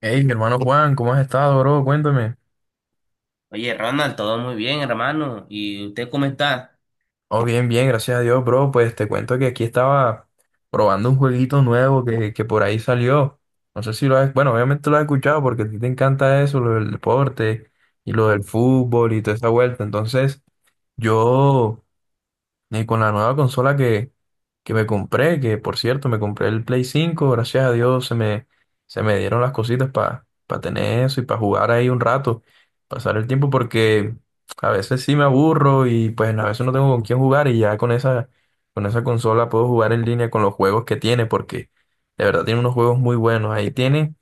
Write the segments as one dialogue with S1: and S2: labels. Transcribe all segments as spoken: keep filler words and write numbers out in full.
S1: Hey, mi hermano Juan, ¿cómo has estado, bro? Cuéntame.
S2: Oye, Ronald, todo muy bien, hermano. ¿Y usted cómo está?
S1: Oh, bien, bien, gracias a Dios, bro. Pues te cuento que aquí estaba probando un jueguito nuevo que, que por ahí salió. No sé si lo has, bueno, obviamente lo has escuchado porque a ti te encanta eso, lo del deporte y lo del fútbol y toda esa vuelta. Entonces, yo y con la nueva consola que, que me compré, que por cierto me compré el Play cinco, gracias a Dios se me, se me dieron las cositas para tener eso y para jugar ahí un rato, pasar el tiempo, porque a veces sí me aburro y pues a veces no tengo con quién jugar, y ya con esa, con esa consola puedo jugar en línea con los juegos que tiene, porque de verdad tiene unos juegos muy buenos. Ahí tiene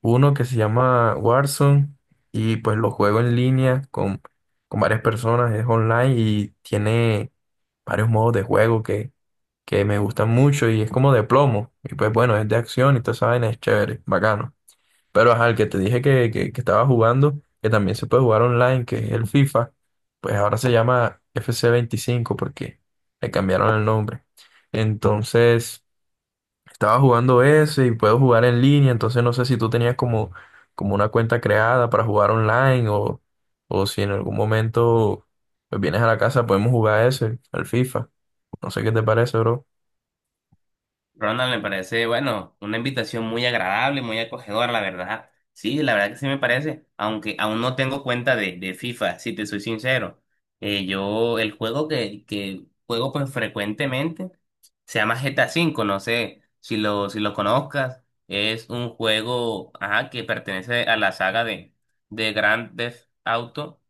S1: uno que se llama Warzone y pues lo juego en línea con, con varias personas, es online y tiene varios modos de juego que, que me gustan mucho, y es como de plomo y pues bueno, es de acción y toda esa vaina es chévere, bacano. Pero ajá, el que te dije que, que, que estaba jugando, que también se puede jugar online, que es el FIFA, pues ahora se llama F C veinticinco porque le cambiaron el nombre. Entonces... Estaba jugando ese y puedo jugar en línea, entonces no sé si tú tenías como, como una cuenta creada para jugar online o, o si en algún momento, pues, vienes a la casa, podemos jugar ese, al FIFA. No sé qué te parece, bro.
S2: Ronald, me parece, bueno, una invitación muy agradable, muy acogedora, la verdad. Sí, la verdad que sí me parece, aunque aún no tengo cuenta de, de FIFA, si te soy sincero. Eh, yo, el juego que, que juego pues frecuentemente se llama G T A cinco, no sé si lo, si lo conozcas. Es un juego, ajá, que pertenece a la saga de, de Grand Theft Auto.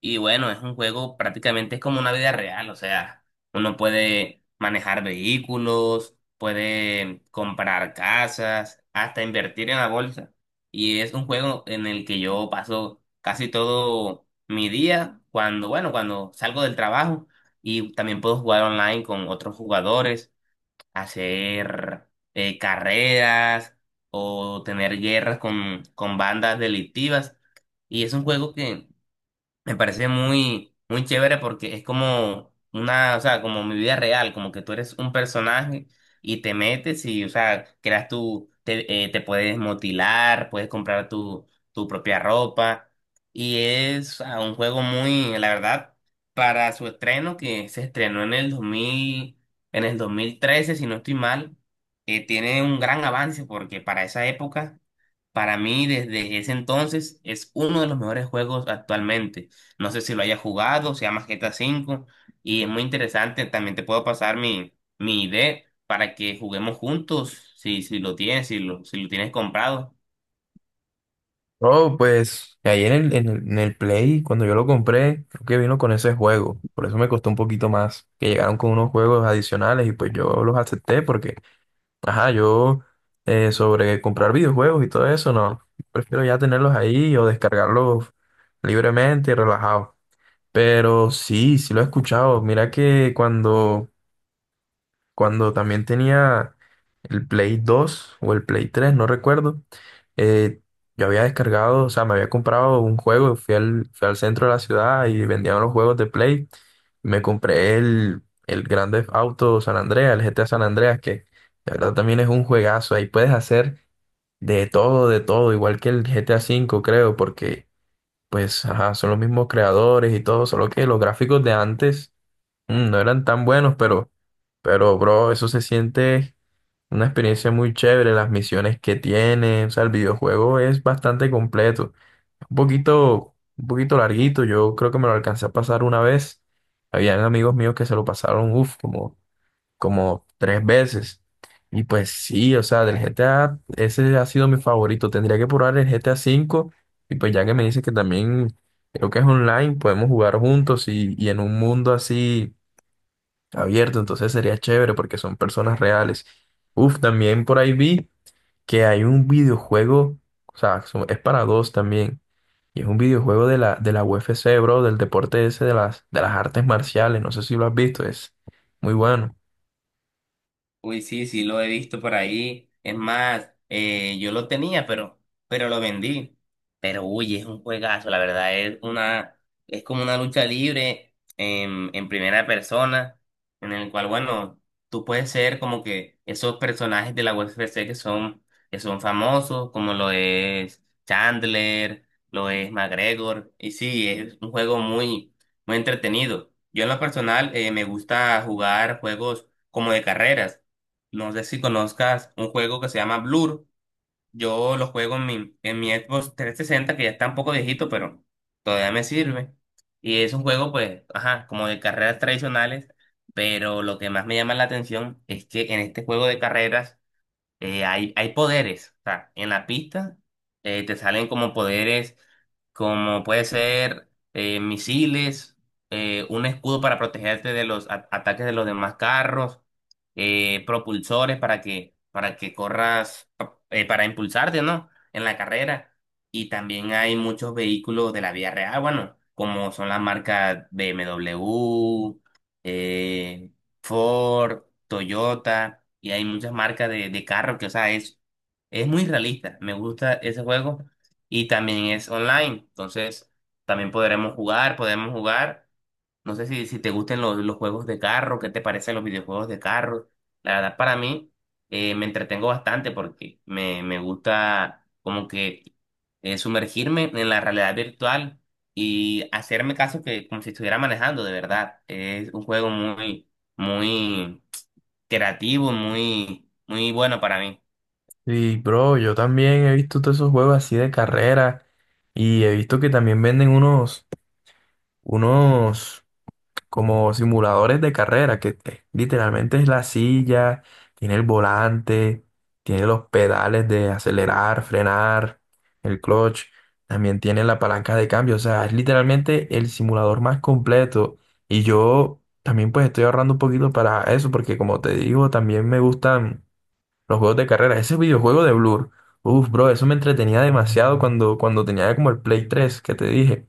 S2: Y bueno, es un juego prácticamente es como una vida real, o sea, uno puede manejar vehículos, puede comprar casas, hasta invertir en la bolsa. Y es un juego en el que yo paso casi todo mi día cuando, bueno, cuando salgo del trabajo y también puedo jugar online con otros jugadores, hacer eh, carreras o tener guerras con, con bandas delictivas. Y es un juego que me parece muy, muy chévere porque es como una, o sea, como mi vida real, como que tú eres un personaje y te metes y, o sea, creas tu, te, eh, te puedes motilar, puedes comprar tu, tu propia ropa y es, o sea, un juego muy, la verdad, para su estreno que se estrenó en el dos mil, en el dos mil trece, si no estoy mal, eh, tiene un gran avance porque para esa época, para mí, desde ese entonces, es uno de los mejores juegos actualmente. No sé si lo hayas jugado, se llama G T A V y es muy interesante. También te puedo pasar mi, mi I D para que juguemos juntos, si, si lo tienes, si lo, si lo tienes comprado.
S1: Bro, pues ahí en el, en el, en el Play, cuando yo lo compré, creo que vino con ese juego, por eso me costó un poquito más, que llegaron con unos juegos adicionales y pues yo los acepté porque ajá, yo eh, sobre comprar videojuegos y todo eso, no. Prefiero ya tenerlos ahí o descargarlos libremente y relajados. Pero sí, sí lo he escuchado. Mira que cuando cuando también tenía el Play dos o el Play tres, no recuerdo, eh, yo había descargado, o sea, me había comprado un juego, fui al, fui al centro de la ciudad y vendían los juegos de Play. Me compré el, el Grand Theft Auto San Andreas, el G T A San Andreas, que la verdad también es un juegazo. Ahí puedes hacer de todo, de todo, igual que el G T A cinco, creo, porque pues ajá, son los mismos creadores y todo, solo que los gráficos de antes Mm, no eran tan buenos, pero, pero, bro, eso se siente una experiencia muy chévere, las misiones que tiene, o sea, el videojuego es bastante completo, un poquito, un poquito larguito, yo creo que me lo alcancé a pasar una vez, habían amigos míos que se lo pasaron, uff, como como tres veces, y pues sí, o sea, del G T A, ese ha sido mi favorito, tendría que probar el G T A cinco y pues ya que me dices que también creo que es online, podemos jugar juntos y, y en un mundo así abierto, entonces sería chévere porque son personas reales. Uf, también por ahí vi que hay un videojuego, o sea, son- es para dos también, y es un videojuego de la, de la U F C, bro, del deporte ese de las, de las artes marciales, no sé si lo has visto, es muy bueno.
S2: Uy, sí, sí, lo he visto por ahí. Es más, eh, yo lo tenía, pero, pero lo vendí. Pero uy, es un juegazo, la verdad, es una, es como una lucha libre en, en primera persona, en el cual, bueno, tú puedes ser como que esos personajes de la U F C que son, que son famosos, como lo es Chandler, lo es McGregor, y sí, es un juego muy, muy entretenido. Yo en lo personal, eh, me gusta jugar juegos como de carreras. No sé si conozcas un juego que se llama Blur. Yo lo juego en mi, en mi Xbox trescientos sesenta que ya está un poco viejito, pero todavía me sirve. Y es un juego, pues, ajá, como de carreras tradicionales, pero lo que más me llama la atención es que en este juego de carreras eh, hay, hay poderes. O sea, en la pista eh, te salen como poderes, como puede ser eh, misiles, eh, un escudo para protegerte de los a- ataques de los demás carros, eh, propulsores para que, para que corras, pa- eh, para impulsarte, ¿no? En la carrera. Y también hay muchos vehículos de la vía real, bueno, como son las marcas B M W, Ford, Toyota, y hay muchas marcas de, de carro que, o sea, es, es muy realista. Me gusta ese juego y también es online. Entonces, también podremos jugar, podemos jugar. No sé si, si te gustan los, los juegos de carro, qué te parecen los videojuegos de carro. La verdad, para mí, eh, me entretengo bastante porque me, me gusta como que eh, sumergirme en la realidad virtual y hacerme caso que como si estuviera manejando, de verdad. Es un juego muy, muy creativo, muy, muy bueno para mí.
S1: Y, bro, yo también he visto todos esos juegos así de carrera, y he visto que también venden unos, unos como simuladores de carrera, que eh, literalmente es la silla, tiene el volante, tiene los pedales de acelerar, frenar, el clutch, también tiene la palanca de cambio, o sea, es literalmente el simulador más completo. Y yo también pues estoy ahorrando un poquito para eso, porque como te digo, también me gustan los juegos de carreras, ese videojuego de Blur. Uf, bro, eso me entretenía demasiado cuando, cuando tenía como el Play tres que te dije.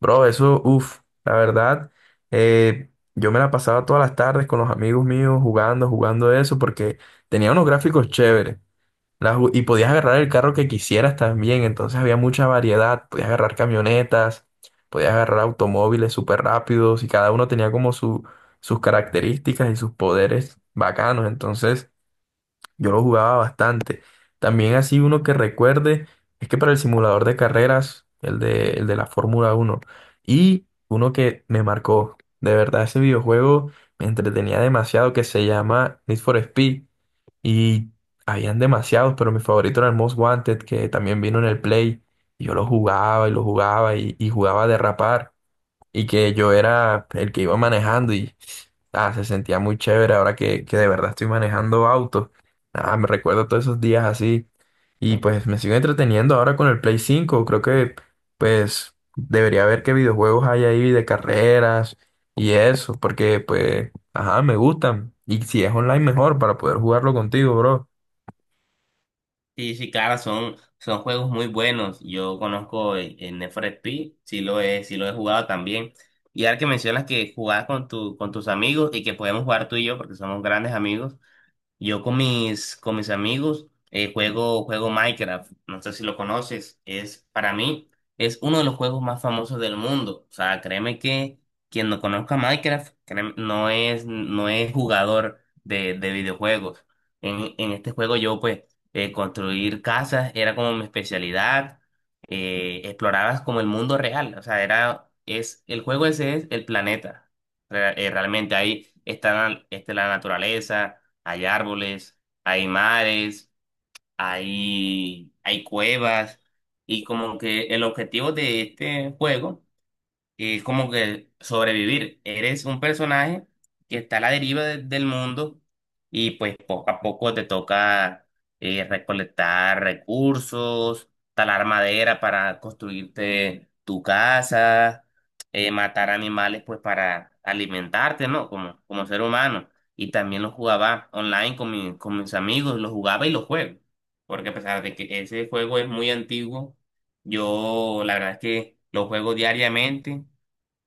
S1: Bro, eso, uff, la verdad, eh, yo me la pasaba todas las tardes con los amigos míos jugando, jugando eso, porque tenía unos gráficos chéveres. La ju- y podías agarrar el carro que quisieras también, entonces había mucha variedad. Podías agarrar camionetas, podías agarrar automóviles súper rápidos y cada uno tenía como su, sus características y sus poderes bacanos. Entonces, yo lo jugaba bastante. También así uno que recuerde, es que para el simulador de carreras, el de, el de la Fórmula Uno, y uno que me marcó, de verdad ese videojuego me entretenía demasiado, que se llama Need for Speed, y habían demasiados, pero mi favorito era el Most Wanted, que también vino en el Play, y yo lo jugaba y lo jugaba y, y jugaba a derrapar, y que yo era el que iba manejando. Ah, se sentía muy chévere ahora que, que de verdad estoy manejando autos. Ah, me recuerdo todos esos días así. Y pues me sigo entreteniendo ahora con el Play cinco. Creo que pues debería ver qué videojuegos hay ahí de carreras y eso, porque pues, ajá, me gustan. Y si es online, mejor para poder jugarlo contigo, bro.
S2: Sí, sí, claro, son, son juegos muy buenos. Yo conozco el, el Need for Speed, sí lo he, sí lo he jugado también. Y ahora que mencionas que jugabas con tu, con tus amigos y que podemos jugar tú y yo porque somos grandes amigos, yo con mis, con mis amigos eh, juego, juego Minecraft, no sé si lo conoces, es para mí es uno de los juegos más famosos del mundo. O sea, créeme que quien no conozca Minecraft créeme, no es, no es jugador de, de videojuegos. En, en este juego yo pues eh, construir casas era como mi especialidad, eh, explorabas como el mundo real, o sea, era, es, el juego ese es el planeta. Re- eh, realmente ahí está, la- está la naturaleza, hay árboles, hay mares, hay, hay cuevas. Y como que el objetivo de este juego y es como que sobrevivir. Eres un personaje que está a la deriva de- del mundo y pues poco a poco te toca eh, recolectar recursos, talar madera para construirte tu casa, eh, matar animales pues para alimentarte, ¿no? Como, como ser humano. Y también lo jugaba online con, mi- con mis amigos, lo jugaba y lo juego. Porque a pesar de que ese juego es muy antiguo, yo la verdad es que lo juego diariamente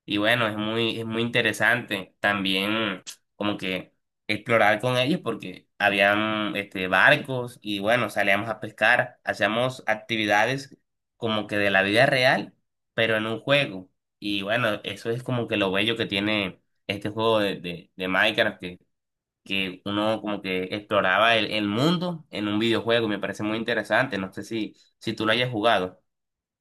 S2: y bueno, es muy, es muy interesante también como que explorar con ellos porque habían este, barcos y bueno, salíamos a pescar, hacíamos actividades como que de la vida real, pero en un juego. Y bueno, eso es como que lo bello que tiene este juego de, de, de Minecraft, que, que uno como que exploraba el, el mundo en un videojuego y me parece muy interesante. No sé si, si tú lo hayas jugado.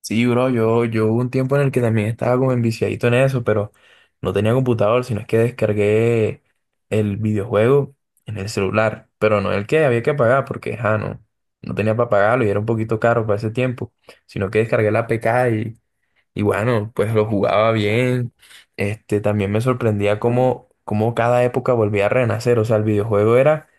S1: Sí, bro, yo, yo hubo un tiempo en el que también estaba como enviciadito en eso, pero no tenía computador, sino es que descargué el videojuego en el celular, pero no el que había que pagar, porque ja, no, no tenía para pagarlo y era un poquito caro para ese tiempo, sino que descargué la A P K y, y bueno, pues lo jugaba bien. Este, también me sorprendía cómo, cómo cada época volvía a renacer, o sea, el videojuego era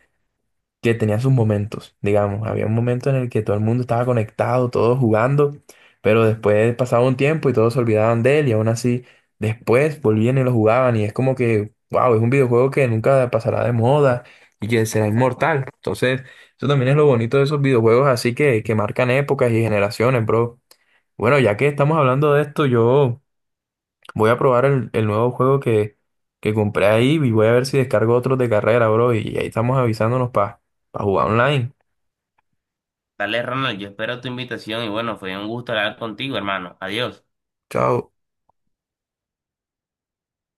S1: que tenía sus momentos, digamos. Había un momento en el que todo el mundo estaba conectado, todos jugando, pero después pasaba un tiempo y todos se olvidaban de él, y aún así después volvían y lo jugaban, y es como que, wow, es un videojuego que nunca pasará de moda y que será inmortal. Entonces, eso también es lo bonito de esos videojuegos así que, que marcan épocas y generaciones, bro. Bueno, ya que estamos hablando de esto, yo... Voy a probar el, el nuevo juego que, que compré ahí y voy a ver si descargo otros de carrera, bro. Y ahí estamos avisándonos para jugar online.
S2: Dale, Ronald, yo espero tu invitación y bueno, fue un gusto hablar contigo, hermano. Adiós.
S1: Chao.